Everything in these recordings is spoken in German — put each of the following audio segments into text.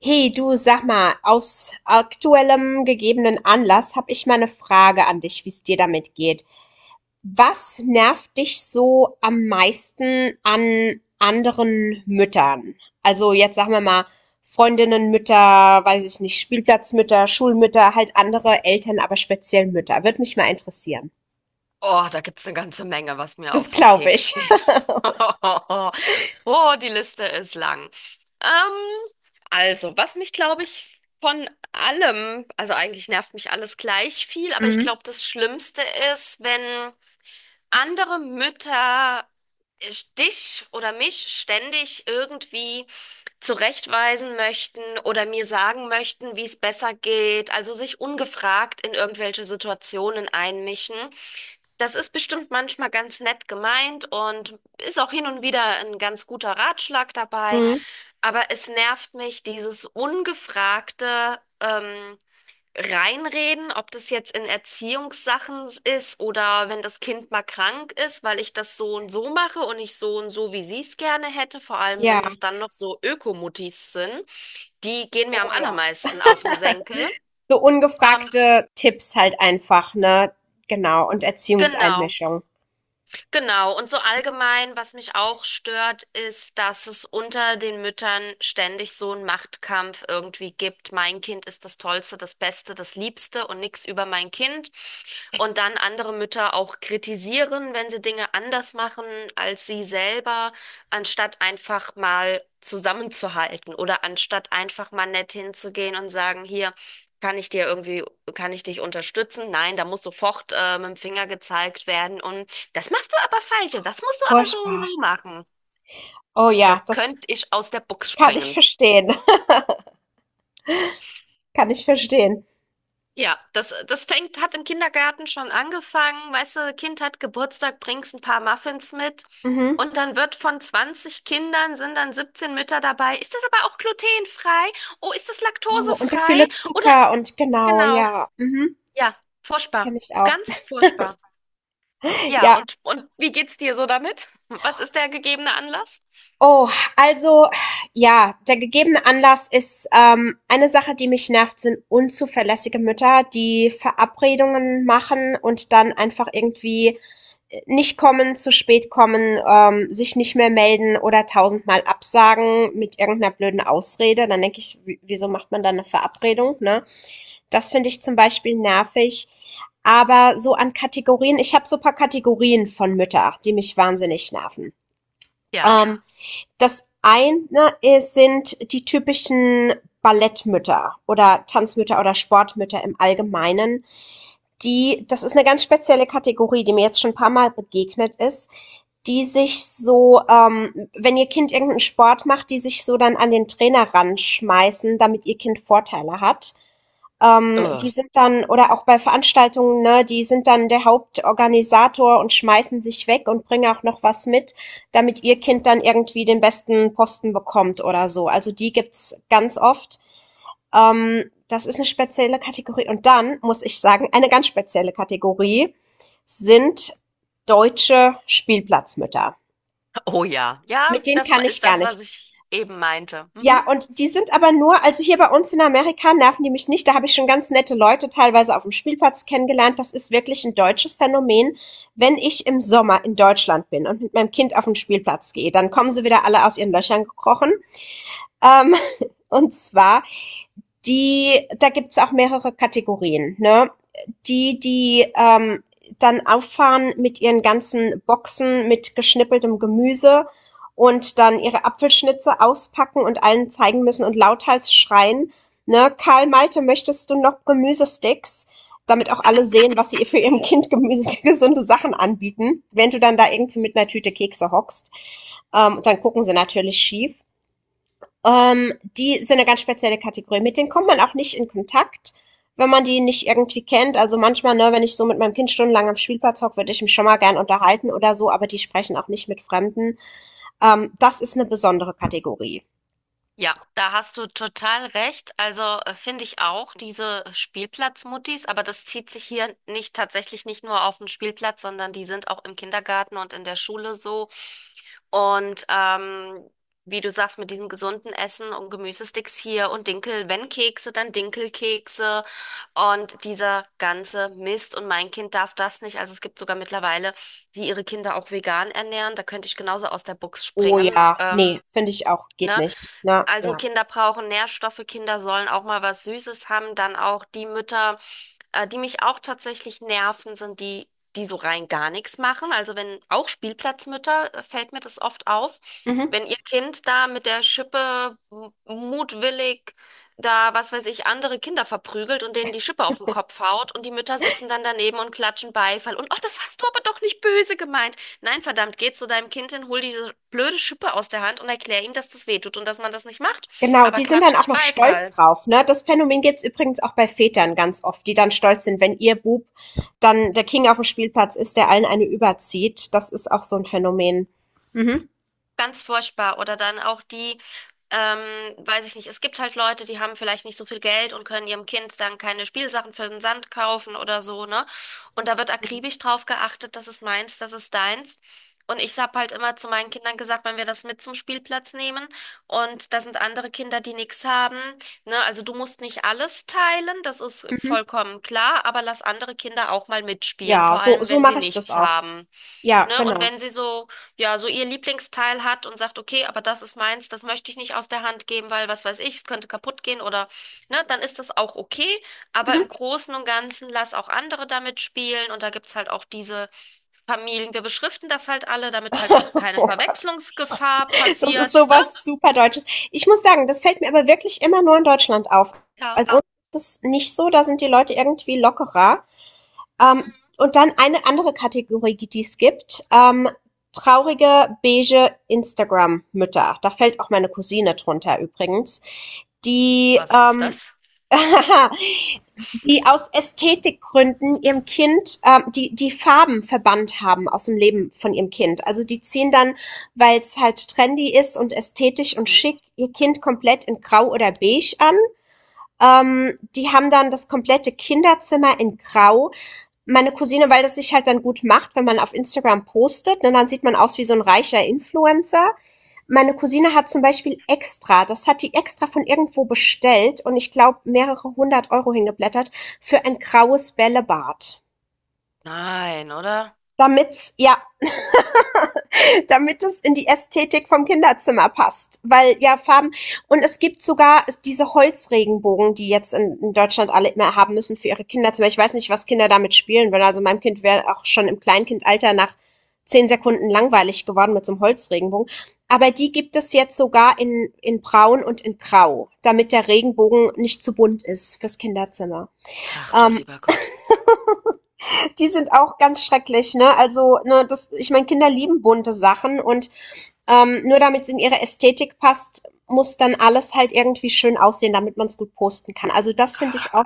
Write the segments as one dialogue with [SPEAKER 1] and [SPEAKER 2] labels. [SPEAKER 1] Hey du, sag mal, aus aktuellem gegebenen Anlass habe ich mal eine Frage an dich, wie es dir damit geht. Was nervt dich so am meisten an anderen Müttern? Also jetzt sagen wir mal Freundinnen, Mütter, weiß ich nicht, Spielplatzmütter, Schulmütter, halt andere Eltern, aber speziell Mütter. Würde mich mal interessieren.
[SPEAKER 2] Oh, da gibt's eine ganze Menge, was mir
[SPEAKER 1] Das
[SPEAKER 2] auf den
[SPEAKER 1] glaube
[SPEAKER 2] Keks
[SPEAKER 1] ich.
[SPEAKER 2] geht. Oh, die Liste ist lang. Ähm, also, was mich, glaube ich, von allem, also eigentlich nervt mich alles gleich viel, aber ich
[SPEAKER 1] Mhm.
[SPEAKER 2] glaube, das Schlimmste ist, wenn andere Mütter äh, dich oder mich ständig irgendwie zurechtweisen möchten oder mir sagen möchten, wie es besser geht, also sich ungefragt in irgendwelche Situationen einmischen. Das ist bestimmt manchmal ganz nett gemeint und ist auch hin und wieder ein ganz guter Ratschlag dabei,
[SPEAKER 1] Mhm.
[SPEAKER 2] aber es nervt mich, dieses ungefragte reinreden, ob das jetzt in Erziehungssachen ist oder wenn das Kind mal krank ist, weil ich das so und so mache und ich so und so, wie sie es gerne hätte, vor allem
[SPEAKER 1] Ja,
[SPEAKER 2] wenn das dann noch so Ökomutis sind, die gehen mir am
[SPEAKER 1] oh ja.
[SPEAKER 2] allermeisten auf den Senkel.
[SPEAKER 1] So
[SPEAKER 2] Ähm,
[SPEAKER 1] ungefragte Tipps halt einfach, ne? Genau, und
[SPEAKER 2] genau.
[SPEAKER 1] Erziehungseinmischung.
[SPEAKER 2] Genau, und so allgemein, was mich auch stört, ist, dass es unter den Müttern ständig so einen Machtkampf irgendwie gibt. Mein Kind ist das Tollste, das Beste, das Liebste und nichts über mein Kind. Und dann andere Mütter auch kritisieren, wenn sie Dinge anders machen als sie selber, anstatt einfach mal zusammenzuhalten oder anstatt einfach mal nett hinzugehen und sagen, hier, kann ich dir irgendwie, kann ich dich unterstützen? Nein, da muss sofort mit dem Finger gezeigt werden. Und das machst du aber falsch und das musst du aber so und
[SPEAKER 1] Furchtbar.
[SPEAKER 2] so machen.
[SPEAKER 1] Oh
[SPEAKER 2] Da
[SPEAKER 1] ja, das
[SPEAKER 2] könnte ich aus der Box
[SPEAKER 1] kann ich
[SPEAKER 2] springen.
[SPEAKER 1] verstehen. Kann ich verstehen.
[SPEAKER 2] Ja, das fängt, hat im Kindergarten schon angefangen. Weißt du, Kind hat Geburtstag, bringst ein paar Muffins mit.
[SPEAKER 1] Mhm.
[SPEAKER 2] Und dann wird von 20 Kindern sind dann 17 Mütter dabei. Ist das aber auch glutenfrei? Oh, ist das
[SPEAKER 1] Oh, und der
[SPEAKER 2] laktosefrei?
[SPEAKER 1] viele
[SPEAKER 2] Oder
[SPEAKER 1] Zucker und genau,
[SPEAKER 2] genau,
[SPEAKER 1] ja. Mhm.
[SPEAKER 2] ja, furchtbar.
[SPEAKER 1] Kenne ich auch.
[SPEAKER 2] Ganz furchtbar. Ja,
[SPEAKER 1] Ja.
[SPEAKER 2] und wie geht's dir so damit? Was ist der gegebene Anlass?
[SPEAKER 1] Oh, also ja, der gegebene Anlass ist eine Sache, die mich nervt, sind unzuverlässige Mütter, die Verabredungen machen und dann einfach irgendwie nicht kommen, zu spät kommen, sich nicht mehr melden oder tausendmal absagen mit irgendeiner blöden Ausrede. Dann denke ich, wieso macht man dann eine Verabredung? Ne? Das finde ich zum Beispiel nervig. Aber so an Kategorien, ich habe so ein paar Kategorien von Müttern die mich wahnsinnig nerven.
[SPEAKER 2] Ja.
[SPEAKER 1] Ähm, Das eine ist sind die typischen Ballettmütter oder Tanzmütter oder Sportmütter im Allgemeinen. Die, das ist eine ganz spezielle Kategorie, die mir jetzt schon ein paar Mal begegnet ist, die sich so, wenn ihr Kind irgendeinen Sport macht, die sich so dann an den Trainer ranschmeißen, damit ihr Kind Vorteile hat.
[SPEAKER 2] Äh.
[SPEAKER 1] Die sind dann oder auch bei Veranstaltungen, ne, die sind dann der Hauptorganisator und schmeißen sich weg und bringen auch noch was mit, damit ihr Kind dann irgendwie den besten Posten bekommt oder so. Also die gibt's ganz oft. Das ist eine spezielle Kategorie. Und dann muss ich sagen, eine ganz spezielle Kategorie sind deutsche Spielplatzmütter.
[SPEAKER 2] Oh ja, ja,
[SPEAKER 1] Mit denen kann ich
[SPEAKER 2] ist
[SPEAKER 1] gar
[SPEAKER 2] das,
[SPEAKER 1] nicht.
[SPEAKER 2] was ich eben meinte.
[SPEAKER 1] Ja,
[SPEAKER 2] Mhm.
[SPEAKER 1] und die sind aber nur, also hier bei uns in Amerika nerven die mich nicht. Da habe ich schon ganz nette Leute teilweise auf dem Spielplatz kennengelernt. Das ist wirklich ein deutsches Phänomen. Wenn ich im Sommer in Deutschland bin und mit meinem Kind auf den Spielplatz gehe, dann kommen sie wieder alle aus ihren Löchern gekrochen. Ähm, und zwar die, da gibt's auch mehrere Kategorien, ne? Die, die dann auffahren mit ihren ganzen Boxen mit geschnippeltem Gemüse und dann ihre Apfelschnitze auspacken und allen zeigen müssen und lauthals schreien. Ne, Karl Malte, möchtest du noch Gemüsesticks? Damit auch alle sehen, was sie für ihrem Kind Gemüse, gesunde Sachen anbieten. Wenn du dann da irgendwie mit einer Tüte Kekse hockst, dann gucken sie natürlich schief. Die sind eine ganz spezielle Kategorie. Mit denen kommt man auch nicht in Kontakt, wenn man die nicht irgendwie kennt. Also manchmal, ne, wenn ich so mit meinem Kind stundenlang am Spielplatz hocke, würde ich mich schon mal gern unterhalten oder so, aber die sprechen auch nicht mit Fremden. Das ist eine besondere Kategorie.
[SPEAKER 2] Ja, da hast du total recht. Also finde ich auch diese Spielplatzmuttis, aber das zieht sich hier nicht tatsächlich nicht nur auf den Spielplatz, sondern die sind auch im Kindergarten und in der Schule so. Und wie du sagst, mit diesem gesunden Essen und Gemüsesticks hier und Dinkel, wenn Kekse, dann Dinkelkekse und dieser ganze Mist. Und mein Kind darf das nicht. Also es gibt sogar mittlerweile, die ihre Kinder auch vegan ernähren. Da könnte ich genauso aus der Box
[SPEAKER 1] Oh
[SPEAKER 2] springen.
[SPEAKER 1] ja,
[SPEAKER 2] Ähm,
[SPEAKER 1] nee, finde ich auch, geht
[SPEAKER 2] ne?
[SPEAKER 1] nicht, na
[SPEAKER 2] Also
[SPEAKER 1] ja.
[SPEAKER 2] Kinder brauchen Nährstoffe, Kinder sollen auch mal was Süßes haben. Dann auch die Mütter, die mich auch tatsächlich nerven, sind die, die so rein gar nichts machen. Also wenn auch Spielplatzmütter, fällt mir das oft auf,
[SPEAKER 1] Mhm.
[SPEAKER 2] wenn ihr Kind da mit der mutwillig da, was weiß ich, andere Kinder verprügelt und denen die Schippe auf den Kopf haut und die Mütter sitzen dann daneben und klatschen Beifall und, oh, das hast du aber doch nicht böse gemeint. Nein, verdammt, geh zu deinem Kind hin, hol diese blöde Schippe aus der Hand und erklär ihm, dass das weh tut und dass man das nicht macht.
[SPEAKER 1] Genau,
[SPEAKER 2] Aber
[SPEAKER 1] die sind dann
[SPEAKER 2] klatsch
[SPEAKER 1] auch
[SPEAKER 2] nicht
[SPEAKER 1] noch stolz
[SPEAKER 2] Beifall.
[SPEAKER 1] drauf, ne? Das Phänomen gibt's übrigens auch bei Vätern ganz oft, die dann stolz sind, wenn ihr Bub dann der King auf dem Spielplatz ist, der allen eine überzieht. Das ist auch so ein Phänomen. Mhm.
[SPEAKER 2] Ganz furchtbar. Oder dann auch die, ähm, weiß ich nicht, es gibt halt Leute, die haben vielleicht nicht so viel Geld und können ihrem Kind dann keine Spielsachen für den Sand kaufen oder so, ne? Und da wird akribisch drauf geachtet, das ist meins, das ist deins. Und ich habe halt immer zu meinen Kindern gesagt, wenn wir das mit zum Spielplatz nehmen und da sind andere Kinder, die nichts haben, ne? Also du musst nicht alles teilen, das ist
[SPEAKER 1] Mhm.
[SPEAKER 2] vollkommen klar, aber lass andere Kinder auch mal mitspielen,
[SPEAKER 1] Ja,
[SPEAKER 2] vor
[SPEAKER 1] so,
[SPEAKER 2] allem
[SPEAKER 1] so
[SPEAKER 2] wenn sie
[SPEAKER 1] mache ich das
[SPEAKER 2] nichts
[SPEAKER 1] auch.
[SPEAKER 2] haben.
[SPEAKER 1] Ja,
[SPEAKER 2] Ne? Und
[SPEAKER 1] genau.
[SPEAKER 2] wenn sie so, ja, so ihr Lieblingsteil hat und sagt, okay, aber das ist meins, das möchte ich nicht aus der Hand geben, weil was weiß ich, es könnte kaputt gehen oder, ne, dann ist das auch okay. Aber
[SPEAKER 1] Mhm.
[SPEAKER 2] im Großen und Ganzen lass auch andere damit spielen und da gibt's halt auch diese Familien. Wir beschriften das halt alle, damit halt auch keine
[SPEAKER 1] Oh Gott,
[SPEAKER 2] Verwechslungsgefahr
[SPEAKER 1] das ist
[SPEAKER 2] passiert, ne?
[SPEAKER 1] sowas super Deutsches. Ich muss sagen, das fällt mir aber wirklich immer nur in Deutschland auf.
[SPEAKER 2] Ja.
[SPEAKER 1] Also uns ist es nicht so, da sind die Leute irgendwie lockerer.
[SPEAKER 2] Mhm.
[SPEAKER 1] Und dann eine andere Kategorie, die es gibt. Traurige, beige Instagram-Mütter. Da fällt auch meine Cousine drunter übrigens. Die,
[SPEAKER 2] Was ist
[SPEAKER 1] ähm,
[SPEAKER 2] das?
[SPEAKER 1] die aus Ästhetikgründen ihrem Kind die Farben verbannt haben aus dem Leben von ihrem Kind. Also die ziehen dann, weil es halt trendy ist und ästhetisch und
[SPEAKER 2] Mhm.
[SPEAKER 1] schick, ihr Kind komplett in Grau oder Beige an, die haben dann das komplette Kinderzimmer in Grau. Meine Cousine, weil das sich halt dann gut macht, wenn man auf Instagram postet, ne, dann sieht man aus wie so ein reicher Influencer. Meine Cousine hat zum Beispiel extra, das hat die extra von irgendwo bestellt und ich glaube mehrere hundert Euro hingeblättert, für ein graues Bällebad.
[SPEAKER 2] Nein, oder?
[SPEAKER 1] Damit's, ja, damit es in die Ästhetik vom Kinderzimmer passt. Weil ja Farben und es gibt sogar diese Holzregenbogen, die jetzt in Deutschland alle immer haben müssen für ihre Kinderzimmer. Ich weiß nicht, was Kinder damit spielen würden. Also meinem Kind wäre auch schon im Kleinkindalter nach 10 Sekunden langweilig geworden mit so einem Holzregenbogen. Aber die gibt es jetzt sogar in Braun und in Grau, damit der Regenbogen nicht zu bunt ist fürs Kinderzimmer.
[SPEAKER 2] Ach du
[SPEAKER 1] Ähm,
[SPEAKER 2] lieber Gott.
[SPEAKER 1] Die sind auch ganz schrecklich, ne? Also, ne, das, ich meine, Kinder lieben bunte Sachen und nur damit es in ihre Ästhetik passt, muss dann alles halt irgendwie schön aussehen, damit man es gut posten kann. Also das finde ich
[SPEAKER 2] Ah.
[SPEAKER 1] auch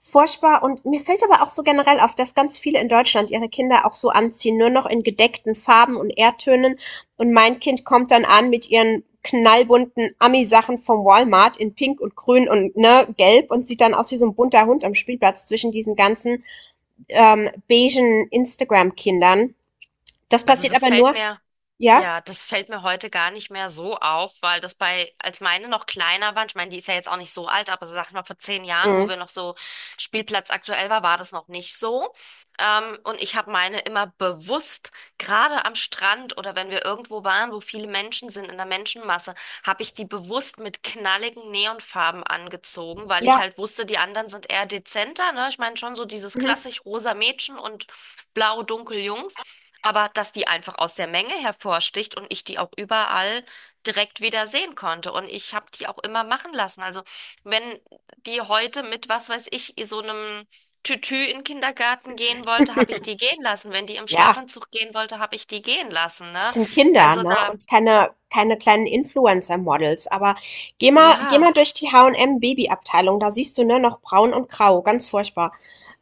[SPEAKER 1] furchtbar. Und mir fällt aber auch so generell auf, dass ganz viele in Deutschland ihre Kinder auch so anziehen, nur noch in gedeckten Farben und Erdtönen. Und mein Kind kommt dann an mit ihren knallbunten Ami-Sachen vom Walmart in Pink und Grün und ne, Gelb und sieht dann aus wie so ein bunter Hund am Spielplatz zwischen diesen ganzen beigen Instagram-Kindern. Das
[SPEAKER 2] Also
[SPEAKER 1] passiert
[SPEAKER 2] das
[SPEAKER 1] aber
[SPEAKER 2] fällt
[SPEAKER 1] nur,
[SPEAKER 2] mir.
[SPEAKER 1] ja?
[SPEAKER 2] Ja, das fällt mir heute gar nicht mehr so auf, weil das bei, als meine noch kleiner waren, ich meine, die ist ja jetzt auch nicht so alt, aber sag mal, vor 10 Jahren, wo
[SPEAKER 1] Mhm.
[SPEAKER 2] wir noch so Spielplatz aktuell war, war das noch nicht so. Und ich habe meine immer bewusst, gerade am Strand oder wenn wir irgendwo waren, wo viele Menschen sind, in der Menschenmasse, habe ich die bewusst mit knalligen Neonfarben angezogen, weil ich
[SPEAKER 1] Ja.
[SPEAKER 2] halt wusste, die anderen sind eher dezenter, ne? Ich meine schon so dieses
[SPEAKER 1] Mhm.
[SPEAKER 2] klassisch rosa Mädchen und blau dunkel Jungs. Aber dass die einfach aus der Menge hervorsticht und ich die auch überall direkt wieder sehen konnte. Und ich habe die auch immer machen lassen. Also wenn die heute mit, was weiß ich, so einem Tütü in den Kindergarten gehen wollte, habe ich die gehen lassen. Wenn die im
[SPEAKER 1] Ja,
[SPEAKER 2] Schlafanzug gehen wollte, habe ich die gehen lassen,
[SPEAKER 1] das
[SPEAKER 2] ne?
[SPEAKER 1] sind Kinder,
[SPEAKER 2] Also
[SPEAKER 1] ne?
[SPEAKER 2] da,
[SPEAKER 1] Und keine kleinen Influencer-Models. Aber geh mal
[SPEAKER 2] ja.
[SPEAKER 1] durch die H&M-Babyabteilung. Da siehst du, ne, noch braun und grau. Ganz furchtbar.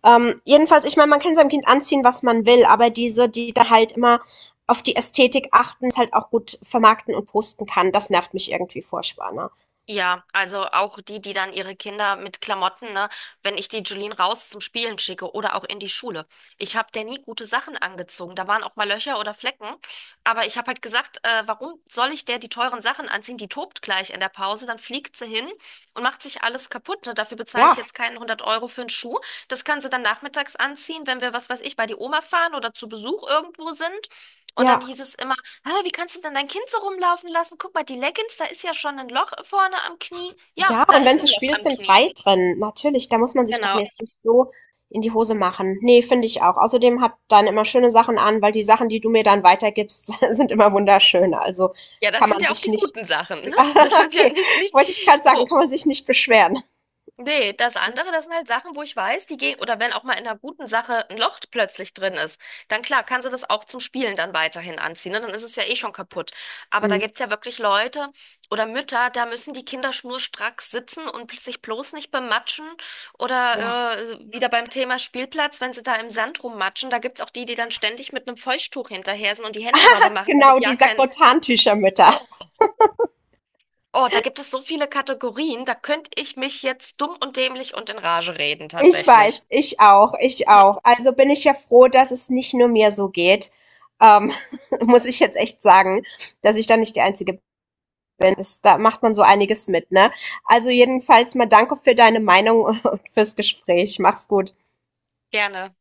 [SPEAKER 1] Jedenfalls, ich meine, man kann seinem Kind anziehen, was man will, aber diese, die da halt immer auf die Ästhetik achten, es halt auch gut vermarkten und posten kann, das nervt mich irgendwie furchtbar, ne?
[SPEAKER 2] Ja, also auch die, die dann ihre Kinder mit Klamotten, ne, wenn ich die Julien raus zum Spielen schicke oder auch in die Schule. Ich habe der nie gute Sachen angezogen. Da waren auch mal Löcher oder Flecken. Aber ich habe halt gesagt, warum soll ich der die teuren Sachen anziehen? Die tobt gleich in der Pause, dann fliegt sie hin und macht sich alles kaputt. Ne? Dafür bezahle ich
[SPEAKER 1] Ja,
[SPEAKER 2] jetzt keinen 100 Euro für einen Schuh. Das kann sie dann nachmittags anziehen, wenn wir, was weiß ich, bei die Oma fahren oder zu Besuch irgendwo sind. Und dann
[SPEAKER 1] ja.
[SPEAKER 2] hieß es immer, aber wie kannst du denn dein Kind so rumlaufen lassen? Guck mal, die Leggings, da ist ja schon ein Loch vorne am Knie. Ja,
[SPEAKER 1] Ja,
[SPEAKER 2] da
[SPEAKER 1] und
[SPEAKER 2] ist
[SPEAKER 1] wenn sie
[SPEAKER 2] ein Loch
[SPEAKER 1] spielt,
[SPEAKER 2] am
[SPEAKER 1] sind
[SPEAKER 2] Knie.
[SPEAKER 1] 3 drin. Natürlich, da muss man sich doch
[SPEAKER 2] Genau.
[SPEAKER 1] jetzt nicht so in die Hose machen. Ne, finde ich auch. Außerdem hat dann immer schöne Sachen an, weil die Sachen, die du mir dann weitergibst, sind immer wunderschön. Also
[SPEAKER 2] Ja, das
[SPEAKER 1] kann
[SPEAKER 2] sind
[SPEAKER 1] man
[SPEAKER 2] ja auch
[SPEAKER 1] sich
[SPEAKER 2] die
[SPEAKER 1] nicht
[SPEAKER 2] guten Sachen, ne? Das
[SPEAKER 1] ah,
[SPEAKER 2] sind ja
[SPEAKER 1] okay,
[SPEAKER 2] nicht, nicht,
[SPEAKER 1] wollte ich gerade sagen, kann
[SPEAKER 2] wo,
[SPEAKER 1] man sich nicht beschweren.
[SPEAKER 2] nee, das andere, das sind halt Sachen, wo ich weiß, die gehen, oder wenn auch mal in einer guten Sache ein Loch plötzlich drin ist, dann klar, kann sie das auch zum Spielen dann weiterhin anziehen, ne? Dann ist es ja eh schon kaputt. Aber da
[SPEAKER 1] Mhm,
[SPEAKER 2] gibt's ja wirklich Leute oder Mütter, da müssen die Kinder schnurstracks sitzen und sich bloß nicht bematschen
[SPEAKER 1] ja.
[SPEAKER 2] oder wieder beim Thema Spielplatz, wenn sie da im Sand rummatschen, da gibt's auch die, die dann ständig mit einem Feuchttuch hinterher sind und die Hände sauber machen, damit
[SPEAKER 1] Genau, die
[SPEAKER 2] ja kein,
[SPEAKER 1] Sakrotantücher.
[SPEAKER 2] oh, oh, da gibt es so viele Kategorien, da könnte ich mich jetzt dumm und dämlich und in Rage reden,
[SPEAKER 1] Ich
[SPEAKER 2] tatsächlich.
[SPEAKER 1] weiß, ich auch, ich auch. Also bin ich ja froh, dass es nicht nur mir so geht. Ähm, muss ich jetzt echt sagen, dass ich da nicht die einzige bin. Das, da macht man so einiges mit, ne? Also jedenfalls mal danke für deine Meinung und fürs Gespräch. Mach's gut.
[SPEAKER 2] gerne.